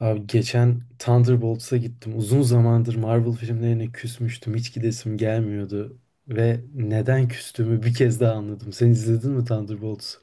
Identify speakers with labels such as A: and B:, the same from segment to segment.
A: Abi geçen Thunderbolts'a gittim. Uzun zamandır Marvel filmlerine küsmüştüm. Hiç gidesim gelmiyordu. Ve neden küstüğümü bir kez daha anladım. Sen izledin mi Thunderbolts'u?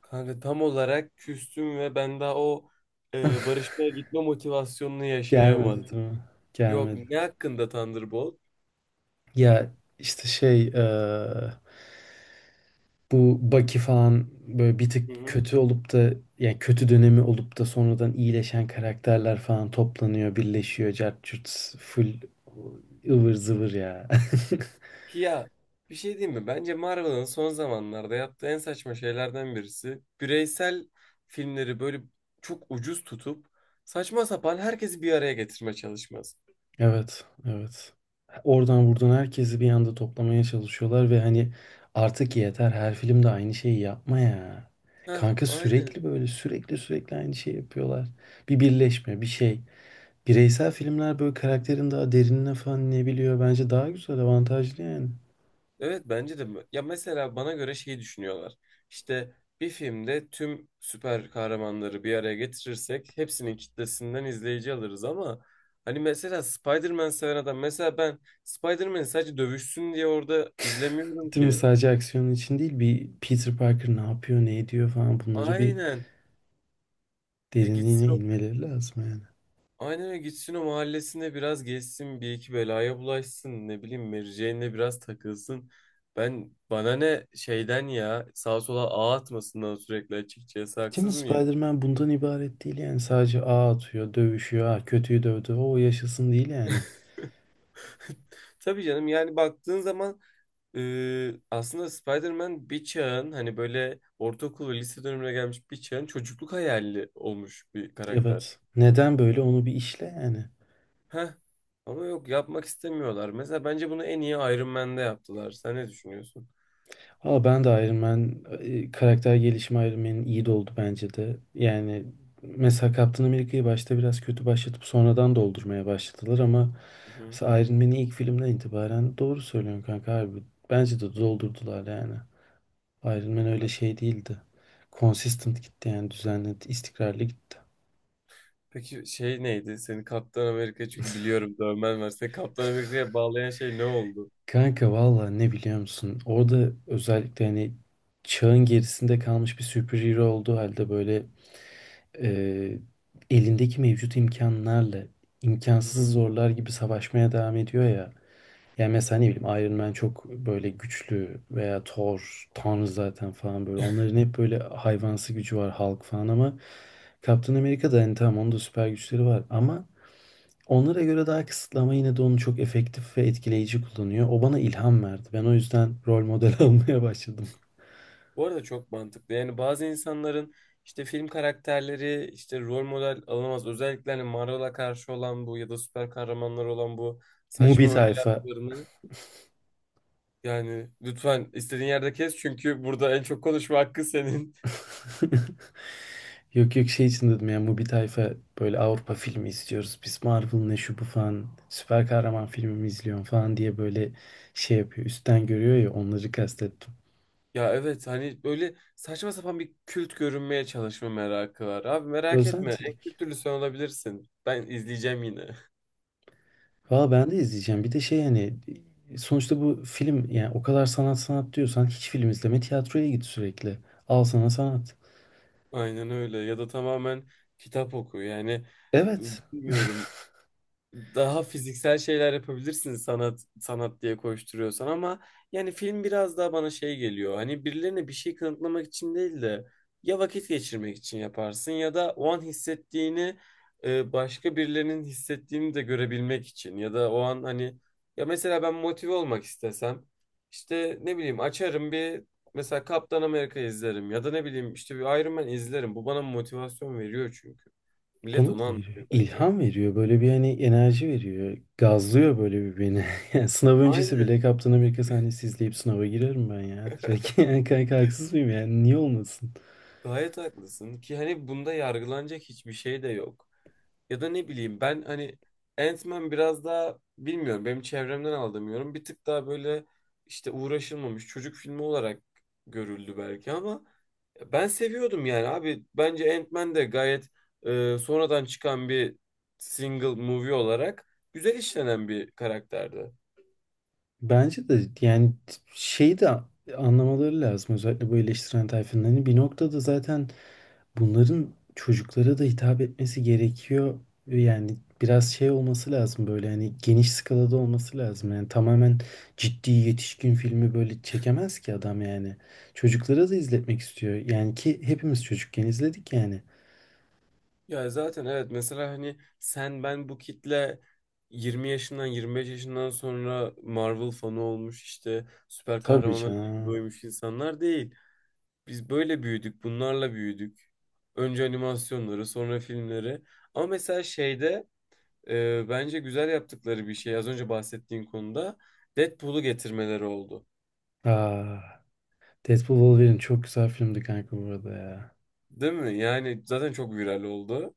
B: Kanka tam olarak küstüm ve ben daha barışmaya gitme motivasyonunu
A: Gelmedi
B: yaşayamadım.
A: değil mi?
B: Yok,
A: Gelmedi.
B: ne hakkında Thunderbolt?
A: Ya işte şey bu Bucky falan böyle bir tık
B: Hı hı.
A: kötü olup da yani kötü dönemi olup da sonradan iyileşen karakterler falan toplanıyor, birleşiyor. Cart curt full ıvır zıvır ya.
B: Ya, bir şey diyeyim mi? Bence Marvel'ın son zamanlarda yaptığı en saçma şeylerden birisi. Bireysel filmleri böyle çok ucuz tutup saçma sapan herkesi bir araya getirme çalışması.
A: Evet, evet. Oradan buradan herkesi bir anda toplamaya çalışıyorlar ve hani artık yeter her filmde aynı şeyi yapma ya.
B: Heh,
A: Kanka
B: aynen.
A: sürekli böyle sürekli sürekli aynı şeyi yapıyorlar. Bir birleşme, bir şey. Bireysel filmler böyle karakterin daha derinine falan ne biliyor. Bence daha güzel, avantajlı yani.
B: Evet, bence de ya mesela bana göre şey düşünüyorlar. İşte bir filmde tüm süper kahramanları bir araya getirirsek hepsinin kitlesinden izleyici alırız ama hani mesela Spider-Man seven adam, mesela ben Spider-Man'i sadece dövüşsün diye orada izlemiyorum
A: Değil mi?
B: ki.
A: Sadece aksiyonun için değil bir Peter Parker ne yapıyor, ne ediyor falan bunları bir
B: Aynen. Ya
A: derinliğine inmeleri lazım yani.
B: aynen öyle gitsin, o mahallesinde biraz gezsin, bir iki belaya bulaşsın, ne bileyim, Mary Jane'le biraz takılsın. Ben, bana ne şeyden, ya sağa sola ağ atmasından sürekli, açıkçası
A: Değil mi?
B: haksız mıyım?
A: Spider-Man bundan ibaret değil yani. Sadece ağ atıyor, dövüşüyor. Ha, kötüyü dövdü. O yaşasın değil yani.
B: Tabii canım, yani baktığın zaman aslında Spider-Man bir çağın, hani böyle ortaokul ve lise dönemine gelmiş bir çağın çocukluk hayali olmuş bir karakter.
A: Evet. Neden böyle onu bir işle yani.
B: Heh. Ama yok, yapmak istemiyorlar. Mesela bence bunu en iyi Iron Man'de yaptılar. Sen ne düşünüyorsun?
A: Aa ben de Iron Man karakter gelişimi Iron Man'in iyi de oldu bence de. Yani mesela Captain America'yı başta biraz kötü başlatıp sonradan doldurmaya başladılar ama
B: Hı hı.
A: mesela Iron Man'i ilk filmden itibaren doğru söylüyorsun kanka abi. Bence de doldurdular yani. Iron Man öyle
B: Evet.
A: şey değildi. Consistent gitti yani düzenli, istikrarlı gitti.
B: Peki şey neydi? Seni Kaptan Amerika, çünkü biliyorum dövmen var. Seni Kaptan Amerika'ya bağlayan şey ne oldu?
A: Kanka valla ne biliyor musun? Orada özellikle hani çağın gerisinde kalmış bir superhero olduğu halde böyle e, elindeki mevcut imkanlarla
B: Hı hı.
A: imkansız zorlar gibi savaşmaya devam ediyor ya. Yani mesela ne bileyim Iron Man çok böyle güçlü veya Thor, Tanrı zaten falan böyle. Onların hep böyle hayvansı gücü var Hulk falan ama Captain America'da hani tamam onun da süper güçleri var ama onlara göre daha kısıtlı ama yine de onu çok efektif ve etkileyici kullanıyor. O bana ilham verdi. Ben o yüzden rol model almaya başladım.
B: Bu arada çok mantıklı. Yani bazı insanların işte film karakterleri işte rol model alınamaz. Özellikle hani Marvel'a karşı olan bu ya da süper kahramanlar olan bu
A: Mubi
B: saçma
A: tayfa.
B: önyargılarını, yani lütfen istediğin yerde kes çünkü burada en çok konuşma hakkı senin.
A: Yok yok şey için dedim ya Mubi tayfa böyle Avrupa filmi istiyoruz. Biz Marvel ne şu bu falan süper kahraman filmi mi izliyorsun falan diye böyle şey yapıyor. Üstten görüyor ya onları kastettim.
B: Ya evet, hani böyle saçma sapan bir kült görünmeye çalışma merakı var. Abi merak etme, en
A: Özentilik.
B: kültürlü sen olabilirsin. Ben izleyeceğim yine.
A: Valla ben de izleyeceğim. Bir de şey hani sonuçta bu film yani o kadar sanat sanat diyorsan hiç film izleme tiyatroya git sürekli. Al sana sanat.
B: Aynen öyle, ya da tamamen kitap oku yani.
A: Evet.
B: Bilmiyorum, daha fiziksel şeyler yapabilirsin sanat sanat diye koşturuyorsan, ama yani film biraz daha bana şey geliyor. Hani birilerine bir şey kanıtlamak için değil de, ya vakit geçirmek için yaparsın, ya da o an hissettiğini başka birilerinin hissettiğini de görebilmek için, ya da o an hani, ya mesela ben motive olmak istesem işte ne bileyim açarım bir, mesela Kaptan Amerika izlerim ya da ne bileyim işte bir Iron Man izlerim. Bu bana motivasyon veriyor çünkü. Millet
A: Bana
B: onu
A: da veriyor.
B: anlıyor bence.
A: İlham veriyor. Böyle bir hani enerji veriyor. Gazlıyor böyle bir beni. Yani sınav öncesi bile
B: Aynen.
A: Kaptan Amerika sahnesi izleyip sınava girerim ben ya. Direkt yani kanka haksız mıyım yani? Niye olmasın?
B: Gayet haklısın ki hani bunda yargılanacak hiçbir şey de yok. Ya da ne bileyim, ben hani Ant-Man biraz daha, bilmiyorum, benim çevremden aldığım yorum bir tık daha böyle işte uğraşılmamış çocuk filmi olarak görüldü belki ama ben seviyordum yani. Abi bence Ant-Man de gayet sonradan çıkan bir single movie olarak güzel işlenen bir karakterdi.
A: Bence de yani şeyi de anlamaları lazım. Özellikle bu eleştiren tayfanın. Hani bir noktada zaten bunların çocuklara da hitap etmesi gerekiyor. Yani biraz şey olması lazım böyle hani geniş skalada olması lazım. Yani tamamen ciddi yetişkin filmi böyle çekemez ki adam yani. Çocuklara da izletmek istiyor. Yani ki hepimiz çocukken izledik yani.
B: Ya zaten evet, mesela hani sen, ben, bu kitle 20 yaşından 25 yaşından sonra Marvel fanı olmuş, işte süper
A: Tabii
B: kahramanlara ilgi
A: canım.
B: duymuş insanlar değil. Biz böyle büyüdük, bunlarla büyüdük. Önce animasyonları, sonra filmleri. Ama mesela şeyde, bence güzel yaptıkları bir şey, az önce bahsettiğin konuda Deadpool'u getirmeleri oldu.
A: Aa, Deadpool Wolverine çok güzel filmdi kanka bu arada ya.
B: Değil mi? Yani zaten çok viral oldu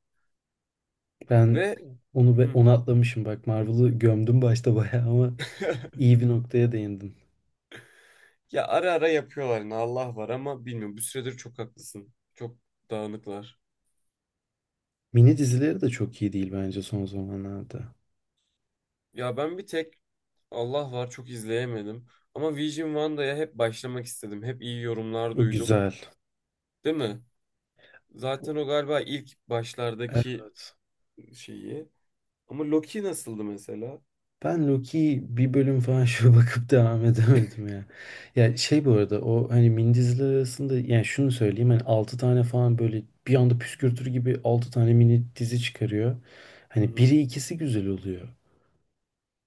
A: Ben
B: ve Hı.
A: onu atlamışım bak Marvel'ı gömdüm başta bayağı ama iyi bir noktaya değindim.
B: Ya ara ara yapıyorlar yine, Allah var, ama bilmiyorum. Bu süredir çok haklısın. Çok dağınıklar.
A: Mini dizileri de çok iyi değil bence son zamanlarda.
B: Ya ben bir tek, Allah var, çok izleyemedim. Ama Vision Vanda'ya hep başlamak istedim. Hep iyi yorumlar
A: O
B: duydum.
A: güzel.
B: Değil mi? Zaten o galiba ilk başlardaki
A: Evet.
B: şeyi. Ama Loki nasıldı mesela?
A: Ben Loki'yi bir bölüm falan şöyle bakıp devam edemedim ya. Ya şey bu arada o hani mindizler arasında yani şunu söyleyeyim hani 6 tane falan böyle bir anda püskürtür gibi 6 tane mini dizi çıkarıyor.
B: Hı
A: Hani
B: hı.
A: biri ikisi güzel oluyor.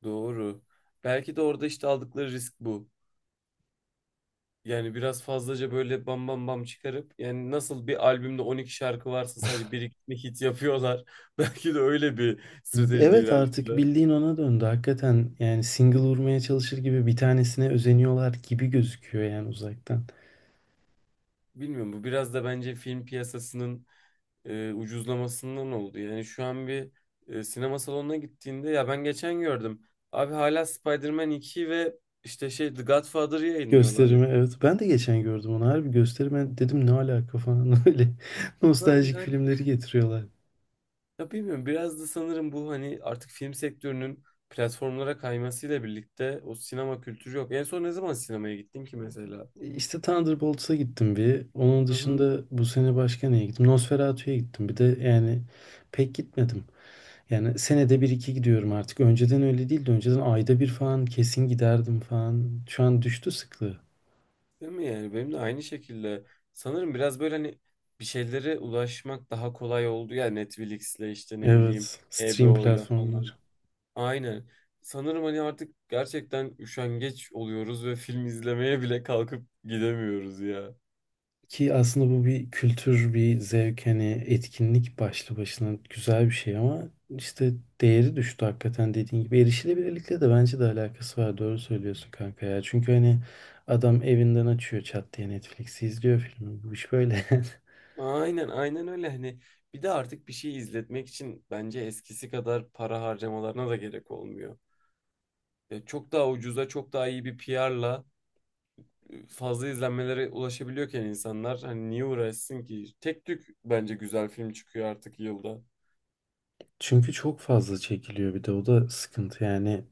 B: Doğru. Belki de orada işte aldıkları risk bu. Yani biraz fazlaca böyle bam bam bam çıkarıp, yani nasıl bir albümde 12 şarkı varsa sadece bir iki hit yapıyorlar. Belki de öyle bir stratejide
A: Evet artık
B: ilerlediler.
A: bildiğin ona döndü. Hakikaten yani single vurmaya çalışır gibi bir tanesine özeniyorlar gibi gözüküyor yani uzaktan.
B: Bilmiyorum, bu biraz da bence film piyasasının ucuzlamasından oldu. Yani şu an bir, sinema salonuna gittiğinde, ya ben geçen gördüm. Abi hala Spider-Man 2 ve işte şey The Godfather'ı yayınlıyorlar.
A: Gösterimi evet. Ben de geçen gördüm onu. Harbi gösterime dedim ne alaka falan öyle.
B: Ha,
A: Nostaljik
B: yani,
A: filmleri getiriyorlar.
B: ya bilmiyorum, biraz da sanırım bu hani artık film sektörünün platformlara kaymasıyla birlikte o sinema kültürü yok. En son ne zaman sinemaya gittin ki mesela?
A: İşte Thunderbolts'a gittim bir. Onun
B: Hı hı.
A: dışında bu sene başka neye gittim? Nosferatu'ya gittim. Bir de yani pek gitmedim. Yani senede bir iki gidiyorum artık. Önceden öyle değildi. Önceden ayda bir falan kesin giderdim falan. Şu an düştü sıklığı.
B: Değil mi, yani benim de aynı şekilde, sanırım biraz böyle hani bir şeylere ulaşmak daha kolay oldu ya, Netflix'le işte ne bileyim
A: Evet. Stream
B: HBO'yla
A: platformları.
B: falan. Aynen. Sanırım hani artık gerçekten üşengeç oluyoruz ve film izlemeye bile kalkıp gidemiyoruz ya.
A: Ki aslında bu bir kültür, bir zevk, hani etkinlik başlı başına güzel bir şey ama işte değeri düştü hakikaten dediğin gibi. Erişilebilirlikle de bence de alakası var. Doğru söylüyorsun kanka ya. Çünkü hani adam evinden açıyor çat diye Netflix'i izliyor filmi. Bu iş böyle.
B: Aynen, aynen, öyle hani, bir de artık bir şey izletmek için bence eskisi kadar para harcamalarına da gerek olmuyor. Çok daha ucuza, çok daha iyi bir PR'la fazla izlenmelere ulaşabiliyorken insanlar hani niye uğraşsın ki? Tek tük bence güzel film çıkıyor artık yılda.
A: Çünkü çok fazla çekiliyor bir de o da sıkıntı yani.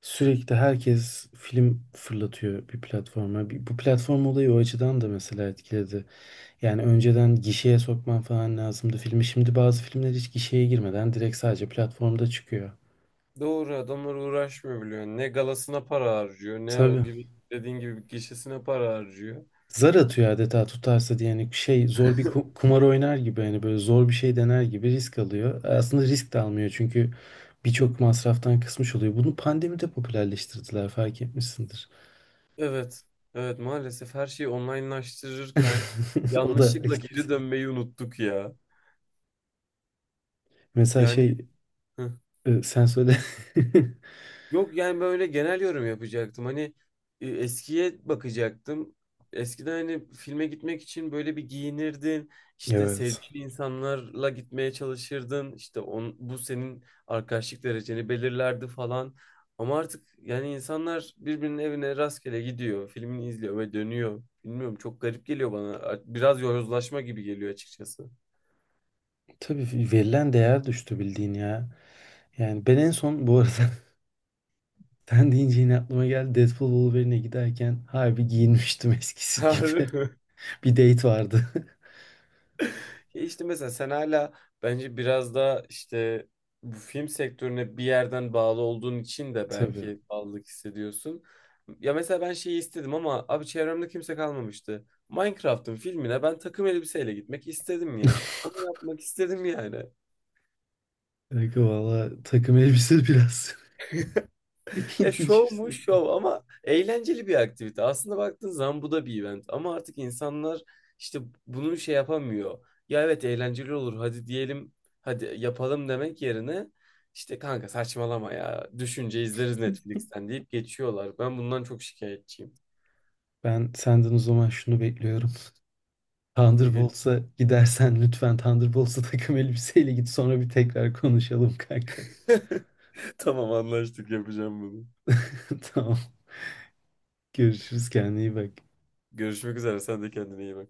A: Sürekli herkes film fırlatıyor bir platforma. Bu platform olayı o açıdan da mesela etkiledi. Yani önceden gişeye sokman falan lazımdı filmi. Şimdi bazı filmler hiç gişeye girmeden direkt sadece platformda çıkıyor.
B: Doğru, adamlar uğraşmıyor biliyor. Ne galasına para harcıyor, ne o
A: Tabii.
B: gibi dediğin gibi gişesine para harcıyor.
A: Zar atıyor adeta tutarsa diye yani şey zor kumar oynar gibi hani böyle zor bir şey dener gibi risk alıyor. Aslında risk de almıyor çünkü birçok masraftan kısmış oluyor. Bunu pandemide popülerleştirdiler fark etmişsindir.
B: Evet, evet, maalesef her şeyi onlinelaştırırken
A: O da
B: yanlışlıkla geri
A: gitti.
B: dönmeyi unuttuk ya.
A: Mesela
B: Yani
A: şey sen söyle.
B: yok yani böyle genel yorum yapacaktım. Hani eskiye bakacaktım. Eskiden hani filme gitmek için böyle bir giyinirdin. İşte
A: Evet.
B: sevdiğin insanlarla gitmeye çalışırdın. İşte bu senin arkadaşlık dereceni belirlerdi falan. Ama artık yani insanlar birbirinin evine rastgele gidiyor. Filmini izliyor ve dönüyor. Bilmiyorum, çok garip geliyor bana. Biraz yozlaşma gibi geliyor açıkçası.
A: Tabii verilen değer düştü bildiğin ya. Yani ben en son bu arada sen deyince yine aklıma geldi. Deadpool Wolverine'e giderken harbi giyinmiştim eskisi
B: Harbi
A: gibi.
B: mi?
A: Bir date vardı.
B: Ya işte mesela sen hala, bence biraz da işte bu film sektörüne bir yerden bağlı olduğun için de
A: Tabii.
B: belki bağlılık hissediyorsun. Ya mesela ben şeyi istedim ama abi çevremde kimse kalmamıştı. Minecraft'ın filmine ben takım elbiseyle gitmek istedim ya. Onu yapmak istedim yani.
A: Kanka valla takım elbise biraz
B: E,
A: ilginç
B: şov
A: bir
B: mu
A: takım.
B: şov, ama eğlenceli bir aktivite. Aslında baktığın zaman bu da bir event ama artık insanlar işte bunu şey yapamıyor. Ya evet, eğlenceli olur hadi diyelim, hadi yapalım demek yerine işte, kanka saçmalama ya, düşünce izleriz Netflix'ten deyip geçiyorlar. Ben bundan çok şikayetçiyim.
A: Ben senden o zaman şunu bekliyorum.
B: Ne gel-
A: Thunderbolts'a gidersen lütfen Thunderbolts'a takım elbiseyle git sonra bir tekrar konuşalım kanka.
B: Tamam, anlaştık, yapacağım bunu.
A: Tamam. Görüşürüz kendine iyi bak.
B: Görüşmek üzere, sen de kendine iyi bak.